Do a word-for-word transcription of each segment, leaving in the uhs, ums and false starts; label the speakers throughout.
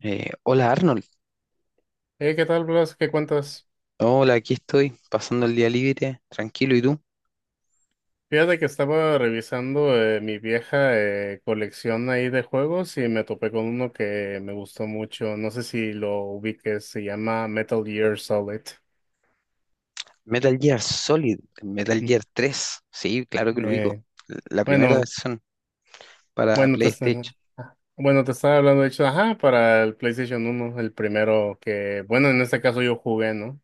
Speaker 1: Eh, hola, Arnold.
Speaker 2: Eh, ¿qué tal, Blas? ¿Qué cuentas?
Speaker 1: Hola, aquí estoy, pasando el día libre, tranquilo, ¿y tú?
Speaker 2: Fíjate que estaba revisando eh, mi vieja eh, colección ahí de juegos y me topé con uno que me gustó mucho. No sé si lo ubiques, se llama Metal Gear Solid.
Speaker 1: Metal Gear Solid, Metal
Speaker 2: Mm.
Speaker 1: Gear tres, sí, claro que lo ubico,
Speaker 2: Eh,
Speaker 1: la primera
Speaker 2: bueno,
Speaker 1: versión para
Speaker 2: bueno, te está-
Speaker 1: PlayStation.
Speaker 2: bueno, te estaba hablando, de hecho, ajá, para el PlayStation uno, el primero que, bueno, en este caso yo jugué, ¿no?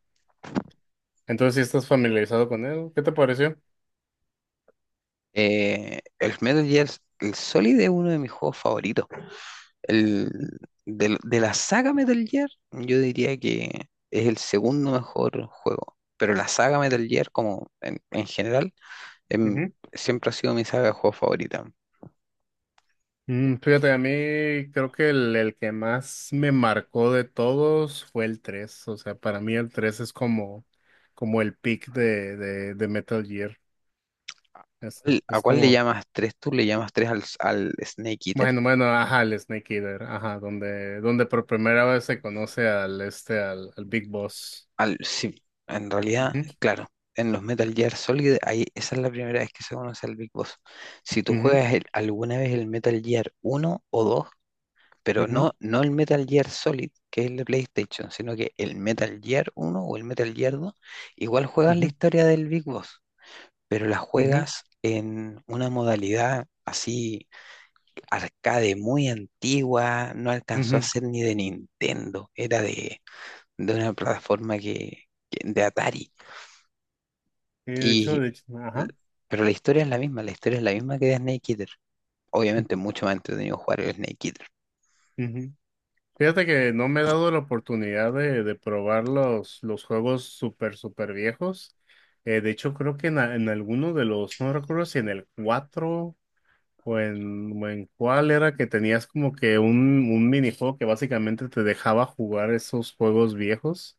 Speaker 2: Entonces, si estás familiarizado con él, ¿qué te pareció?
Speaker 1: Eh, El Metal Gear, el Solid es uno de mis juegos favoritos. El, del- de, la saga Metal Gear, yo diría que es el segundo mejor juego, pero la saga Metal Gear como en, en general em,
Speaker 2: Ujú.
Speaker 1: siempre ha sido mi saga de juegos favorita.
Speaker 2: Mm, fíjate, a mí creo que el, el que más me marcó de todos fue el tres. O sea, para mí el tres es como, como el pick de, de, de Metal Gear. Es,
Speaker 1: ¿Cuál- ¿A
Speaker 2: es
Speaker 1: cuál le
Speaker 2: como,
Speaker 1: llamas tres? ¿Tú le llamas tres al, al Snake Eater?
Speaker 2: bueno, bueno, Ajá, el Snake Eater, ajá, donde, donde por primera vez se conoce al este, al, al Big Boss.
Speaker 1: Al, sí, en realidad,
Speaker 2: Ujú,
Speaker 1: claro, en los Metal Gear Solid, ahí, esa es la primera vez que se conoce al Big Boss. Si tú
Speaker 2: ujú,
Speaker 1: juegas el- alguna vez el Metal Gear uno o dos, pero
Speaker 2: ujú,
Speaker 1: no, no el Metal Gear Solid, que es el de PlayStation, sino que el Metal Gear uno o el Metal Gear dos, igual juegas la
Speaker 2: ujú,
Speaker 1: historia del Big Boss, pero la
Speaker 2: ujú,
Speaker 1: juegas en una modalidad así arcade muy antigua, no alcanzó a
Speaker 2: ujú.
Speaker 1: ser ni de Nintendo, era de, de una plataforma que, que- de Atari.
Speaker 2: Y de hecho,
Speaker 1: Y,
Speaker 2: de hecho, ajá.
Speaker 1: pero la historia es la misma, la historia es la misma que de Snake Eater. Obviamente mucho más entretenido jugar el Snake Eater.
Speaker 2: Ujú. Fíjate que no me he dado la oportunidad de, de probar los, los juegos súper, súper viejos. Eh, de hecho, creo que en, a- en alguno de los, no recuerdo si en el cuatro o en, o en cuál era que tenías como que un, un minijuego que básicamente te dejaba jugar esos juegos viejos.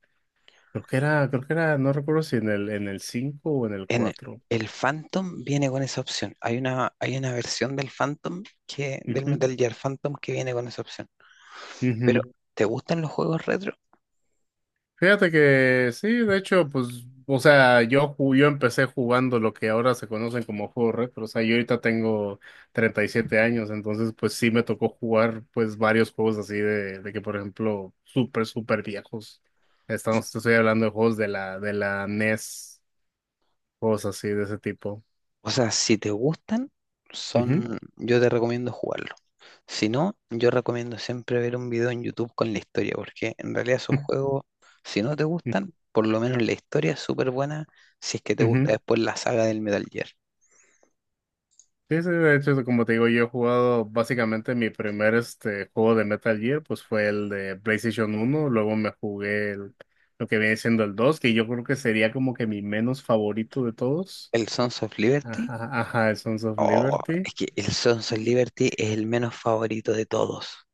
Speaker 2: Creo que era, creo que era, no recuerdo si en el, en el cinco o en el
Speaker 1: En
Speaker 2: cuatro.
Speaker 1: el Phantom viene con esa opción. Hay una, hay una versión del Phantom que, del
Speaker 2: Ujú,
Speaker 1: Metal Gear Phantom que viene con esa opción. Pero
Speaker 2: ujú.
Speaker 1: ¿te gustan los juegos retro?
Speaker 2: Fíjate que sí, de hecho, pues, o sea, yo, ju- yo empecé jugando lo que ahora se conocen como juegos retro, o sea, yo ahorita tengo treinta y siete años, entonces, pues sí me tocó jugar, pues, varios juegos así de, de que, por ejemplo, súper, súper viejos. Estamos, te estoy hablando de juegos de la, de la NES, juegos así de ese tipo.
Speaker 1: O sea, si te gustan,
Speaker 2: Ujú,
Speaker 1: son, yo te recomiendo jugarlo. Si no, yo recomiendo siempre ver un video en YouTube con la historia, porque en realidad esos juegos, si no te gustan, por lo menos la historia es súper buena, si es que te
Speaker 2: ujú.
Speaker 1: gusta después la saga del Metal Gear.
Speaker 2: Sí, sí, de hecho, como te digo, yo he jugado básicamente mi primer este, juego de Metal Gear, pues fue el de PlayStation uno. Luego me jugué el- lo que viene siendo el dos, que yo creo que sería como que mi menos favorito de todos.
Speaker 1: El Sons of Liberty,
Speaker 2: Ajá, ajá, el Sons of
Speaker 1: oh,
Speaker 2: Liberty.
Speaker 1: es que el Sons of
Speaker 2: Y-
Speaker 1: Liberty es el menos favorito de todos.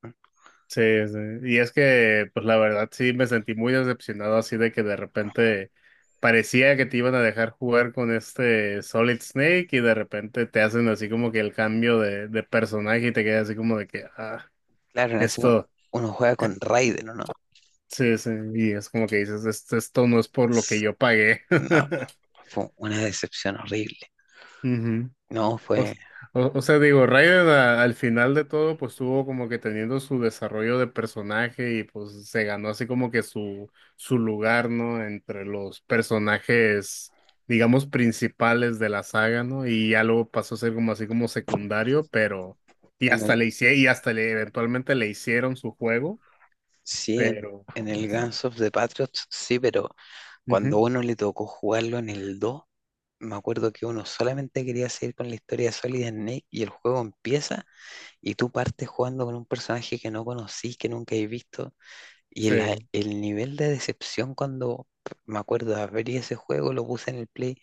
Speaker 2: Sí, sí, y es que, pues la verdad sí me sentí muy decepcionado así de que de repente parecía que te iban a dejar jugar con este Solid Snake y de repente te hacen así como que el cambio de, de personaje y te quedas así como de que, ah.
Speaker 1: Claro, en ese, uno
Speaker 2: Esto,
Speaker 1: uno juega con Raiden, ¿o no?
Speaker 2: sí, sí, y es como que dices, esto, esto no es por lo que
Speaker 1: S-
Speaker 2: yo pagué.
Speaker 1: No, fue una decepción horrible.
Speaker 2: Ujú.
Speaker 1: No,
Speaker 2: O, s-
Speaker 1: fue
Speaker 2: o- o sea, digo, Raiden a- al final de todo, pues tuvo como que teniendo su desarrollo de personaje y pues se ganó así como que su, su lugar, ¿no? Entre los personajes, digamos, principales de la saga, ¿no? Y ya luego pasó a ser como así como secundario, pero, y
Speaker 1: en el,
Speaker 2: hasta le hice, y hasta le, eventualmente le hicieron su juego,
Speaker 1: sí, en,
Speaker 2: pero...
Speaker 1: en el
Speaker 2: Exacto.
Speaker 1: Guns of the Patriots, sí, pero cuando a
Speaker 2: Ujú.
Speaker 1: uno le tocó jugarlo en el dos. Me acuerdo que uno solamente quería seguir con la historia de Solid Snake y el juego empieza y tú partes jugando con un personaje que no conocís, que nunca has visto. Y
Speaker 2: Sí.
Speaker 1: la- el nivel de decepción cuando me acuerdo de abrir ese juego, lo puse en el play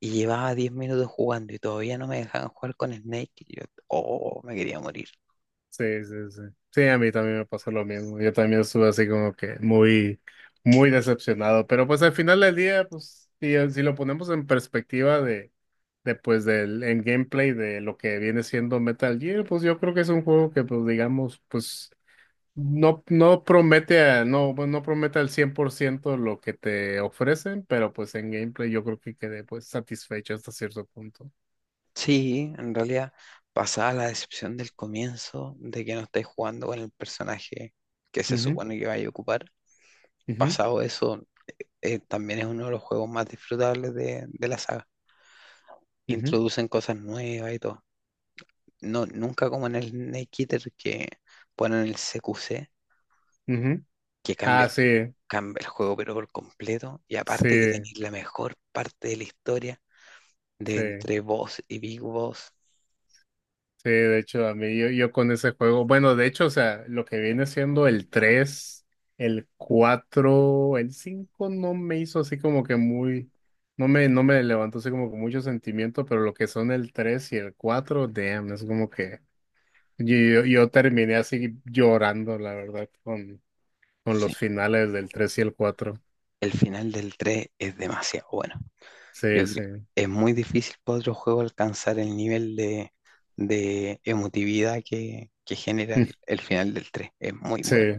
Speaker 1: y llevaba diez minutos jugando y todavía no me dejaban jugar con Snake. Y yo, oh, me quería morir.
Speaker 2: Sí, sí, sí. Sí, a mí también me pasó lo mismo. Yo también estuve así como que muy, muy decepcionado. Pero pues al final del día, pues, si, eh, si lo ponemos en perspectiva de, de pues del, en gameplay de lo que viene siendo Metal Gear, pues yo creo que es un juego que, pues, digamos, pues, no, no promete a, no, bueno, no promete al cien por ciento lo que te ofrecen, pero pues en gameplay yo creo que quedé pues satisfecho hasta cierto punto.
Speaker 1: Sí, en realidad pasaba la decepción del comienzo de que no estáis jugando con el personaje que se
Speaker 2: Ujú,
Speaker 1: supone que vais a ocupar.
Speaker 2: ujú,
Speaker 1: Pasado eso, eh, también es uno de los juegos más disfrutables de, de la saga.
Speaker 2: ujú,
Speaker 1: Introducen cosas nuevas y todo. No, nunca como en el Snake Eater que ponen el C Q C,
Speaker 2: ujú.
Speaker 1: que cambia,
Speaker 2: Ah, sí,
Speaker 1: cambia el juego pero por completo. Y aparte que
Speaker 2: sí.
Speaker 1: tenéis la mejor parte de la historia de
Speaker 2: Sí,
Speaker 1: entre Boss y Big Boss.
Speaker 2: sí, de hecho, a mí yo, yo con ese juego, bueno, de hecho, o sea, lo que viene siendo el tres, el cuatro, el cinco no me hizo así como que muy, no me, no me levantó así como que mucho sentimiento, pero lo que son el tres y el cuatro damn, es como que yo, yo, yo terminé así llorando, la verdad, con, con los
Speaker 1: Sí,
Speaker 2: finales del tres y el cuatro.
Speaker 1: el final del tres es demasiado bueno. Yo
Speaker 2: Sí,
Speaker 1: creo
Speaker 2: sí,
Speaker 1: es muy difícil para otro juego alcanzar el nivel de, de emotividad que, que genera el, el final del tres. Es muy
Speaker 2: sí,
Speaker 1: bueno.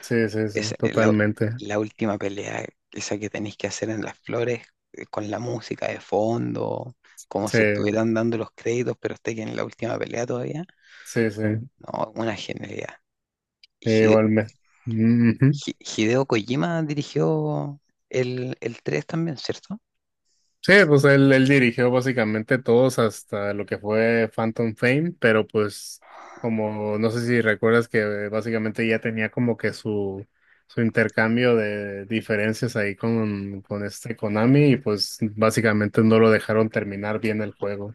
Speaker 2: sí, sí, sí,
Speaker 1: Esa, eh, la,
Speaker 2: totalmente.
Speaker 1: la última pelea, esa que tenéis que hacer en las flores, eh, con la música de fondo, como
Speaker 2: Sí,
Speaker 1: si estuvieran dando los créditos, pero esté en la última pelea todavía.
Speaker 2: sí, sí,
Speaker 1: No, una genialidad. Y Hide-
Speaker 2: igualmente.
Speaker 1: Hi- Hideo Kojima dirigió el, el tres también, ¿cierto?
Speaker 2: Sí, pues él, él dirigió básicamente todos hasta lo que fue Phantom Fame, pero pues como no sé si recuerdas que básicamente ya tenía como que su, su intercambio de diferencias ahí con, con este Konami y pues básicamente no lo dejaron terminar bien el juego.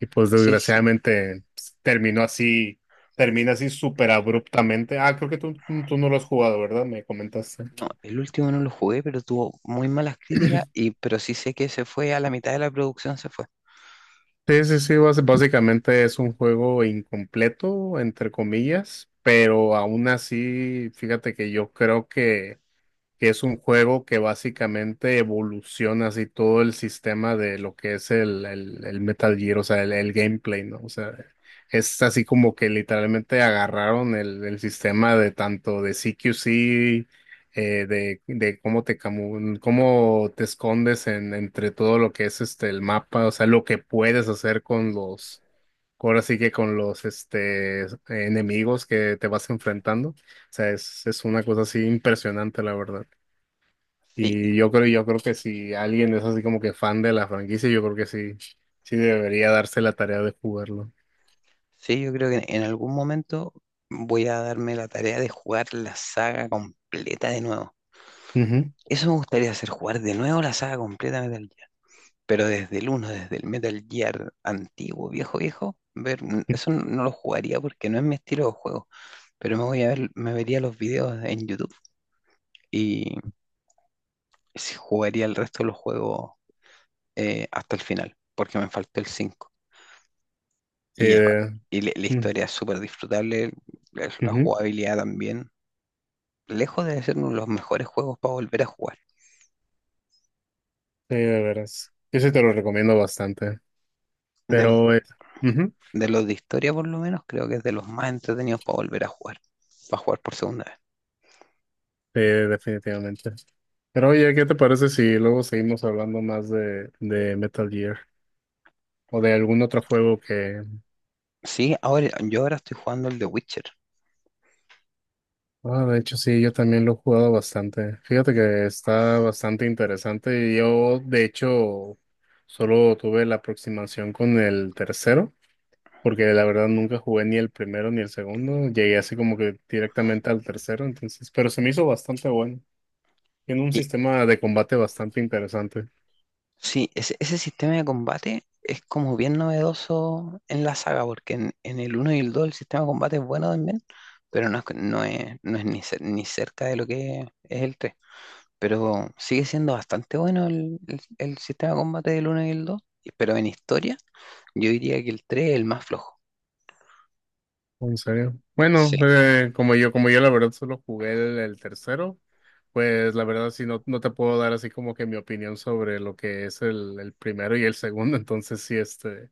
Speaker 2: Y pues
Speaker 1: Sí, sí.
Speaker 2: desgraciadamente pues, terminó así, termina así súper abruptamente. Ah, creo que tú, tú tú no lo has jugado, ¿verdad? Me comentaste.
Speaker 1: No, el último no lo jugué, pero tuvo muy malas críticas, y, pero sí sé que se fue a la mitad de la producción, se fue.
Speaker 2: Sí, sí, sí, bas- básicamente es un juego incompleto, entre comillas, pero aún así, fíjate que yo creo que que es un juego que básicamente evoluciona así todo el sistema de lo que es el, el, el Metal Gear, o sea, el, el gameplay, ¿no? O sea, es así como que literalmente agarraron el, el sistema de tanto de C Q C, eh, de, de cómo te camu- cómo te escondes en, entre todo lo que es este el mapa, o sea, lo que puedes hacer con los ahora sí que con los, este, enemigos que te vas enfrentando. O sea, es, es una cosa así impresionante, la verdad.
Speaker 1: Sí,
Speaker 2: Y yo creo, yo creo que si alguien es así como que fan de la franquicia, yo creo que sí, sí debería darse la tarea de jugarlo.
Speaker 1: sí, yo creo que en algún momento voy a darme la tarea de jugar la saga completa de nuevo.
Speaker 2: Ujú.
Speaker 1: Eso me gustaría hacer, jugar de nuevo la saga completa de Metal Gear. Pero desde el uno, desde el Metal Gear antiguo, viejo, viejo, ver, n- eso n- no lo jugaría porque no es mi estilo de juego. Pero me voy a ver, me vería los videos en YouTube y sí jugaría el resto de los juegos, eh, hasta el final, porque me faltó el cinco.
Speaker 2: Sí,
Speaker 1: Y, ya,
Speaker 2: de,
Speaker 1: y la la
Speaker 2: mm,
Speaker 1: historia es súper disfrutable, la la
Speaker 2: ujú.
Speaker 1: jugabilidad también. Lejos de ser uno de los mejores juegos para volver a jugar.
Speaker 2: Sí, de veras. Yo sí te lo recomiendo bastante.
Speaker 1: De los,
Speaker 2: Pero es, Ujú.
Speaker 1: de los de historia, por lo menos, creo que es de los más entretenidos para volver a jugar. Para jugar por segunda vez.
Speaker 2: Sí, definitivamente. Pero oye, ¿qué te parece si luego seguimos hablando más de, de Metal Gear? O de algún otro juego que,
Speaker 1: Sí, ahora, yo ahora estoy jugando el de Witcher.
Speaker 2: ah, de hecho, sí, yo también lo he jugado bastante. Fíjate que está bastante interesante. Yo, de hecho, solo tuve la aproximación con el tercero, porque la verdad nunca jugué ni el primero ni el segundo. Llegué así como que directamente al tercero, entonces, pero se me hizo bastante bueno. Tiene un
Speaker 1: Y
Speaker 2: sistema de combate bastante interesante.
Speaker 1: sí, ese, ese sistema de combate es como bien novedoso en la saga, porque en, en el uno y el dos el sistema de combate es bueno también, pero no es, no es, no es ni, cer- ni cerca de lo que es el tres. Pero sigue siendo bastante bueno el, el- el sistema de combate del uno y el dos. Pero en historia, yo diría que el tres es el más flojo.
Speaker 2: ¿En serio?
Speaker 1: Sí,
Speaker 2: Bueno, eh, como yo, como yo la verdad solo jugué el, el tercero, pues la verdad sí no, no te puedo dar así como que mi opinión sobre lo que es el, el primero y el segundo, entonces sí, este,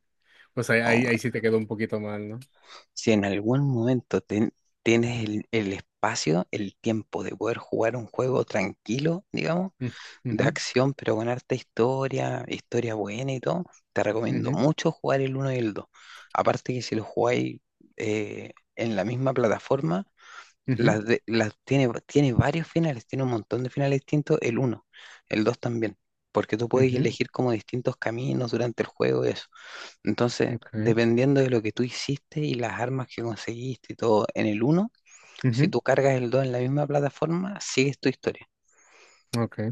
Speaker 2: pues ahí,
Speaker 1: no,
Speaker 2: ahí, ahí sí te quedó un poquito mal, ¿no?
Speaker 1: si en algún momento ten- tienes el, el espacio, el tiempo de poder jugar un juego tranquilo, digamos,
Speaker 2: Mm,
Speaker 1: de
Speaker 2: ujú,
Speaker 1: acción, pero con harta historia, historia buena y todo, te recomiendo
Speaker 2: ujú,
Speaker 1: mucho jugar el uno y el dos. Aparte que si lo jugáis eh, en la misma plataforma,
Speaker 2: ujú,
Speaker 1: las de- las tiene, tiene varios finales, tiene un montón de finales distintos, el uno, el dos también, porque tú puedes
Speaker 2: ujú,
Speaker 1: elegir como distintos caminos durante el juego y eso. Entonces,
Speaker 2: okay,
Speaker 1: dependiendo de lo que tú hiciste y las armas que conseguiste y todo en el uno, si
Speaker 2: ujú,
Speaker 1: tú cargas el dos en la misma plataforma, sigues tu historia.
Speaker 2: okay,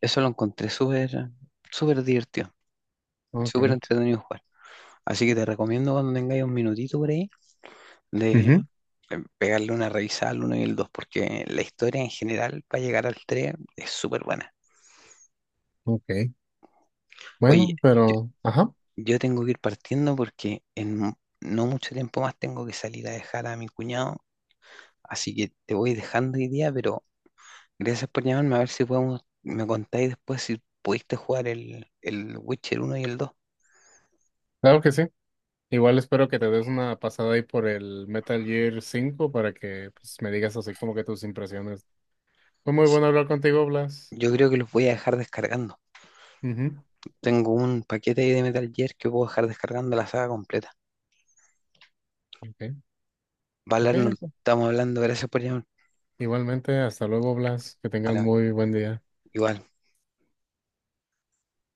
Speaker 1: Eso lo encontré súper, súper divertido, súper
Speaker 2: okay,
Speaker 1: entretenido jugar. Así que te recomiendo cuando tengáis un minutito por ahí de
Speaker 2: ujú,
Speaker 1: eh, pegarle una revisada al uno y el dos porque la historia en general para llegar al tres es súper buena.
Speaker 2: okay.
Speaker 1: Oye,
Speaker 2: Bueno, pero, ajá,
Speaker 1: yo tengo que ir partiendo porque en mu- no mucho tiempo más tengo que salir a dejar a mi cuñado, así que te voy dejando hoy día, pero gracias por llamarme, a ver si podemos, me contáis después si pudiste jugar el, el Witcher uno y el dos.
Speaker 2: claro que sí. Igual espero que te des una pasada ahí por el Metal Gear cinco para que pues, me digas así como que tus impresiones. Fue muy bueno hablar contigo, Blas.
Speaker 1: Yo creo que los voy a dejar descargando.
Speaker 2: Ujú.
Speaker 1: Tengo un paquete ahí de Metal Gear que puedo dejar descargando la saga completa.
Speaker 2: Ok, ok.
Speaker 1: Valar, nos estamos hablando, gracias por llamar.
Speaker 2: Igualmente, hasta luego, Blas. Que tengan
Speaker 1: Vale,
Speaker 2: muy buen día.
Speaker 1: igual.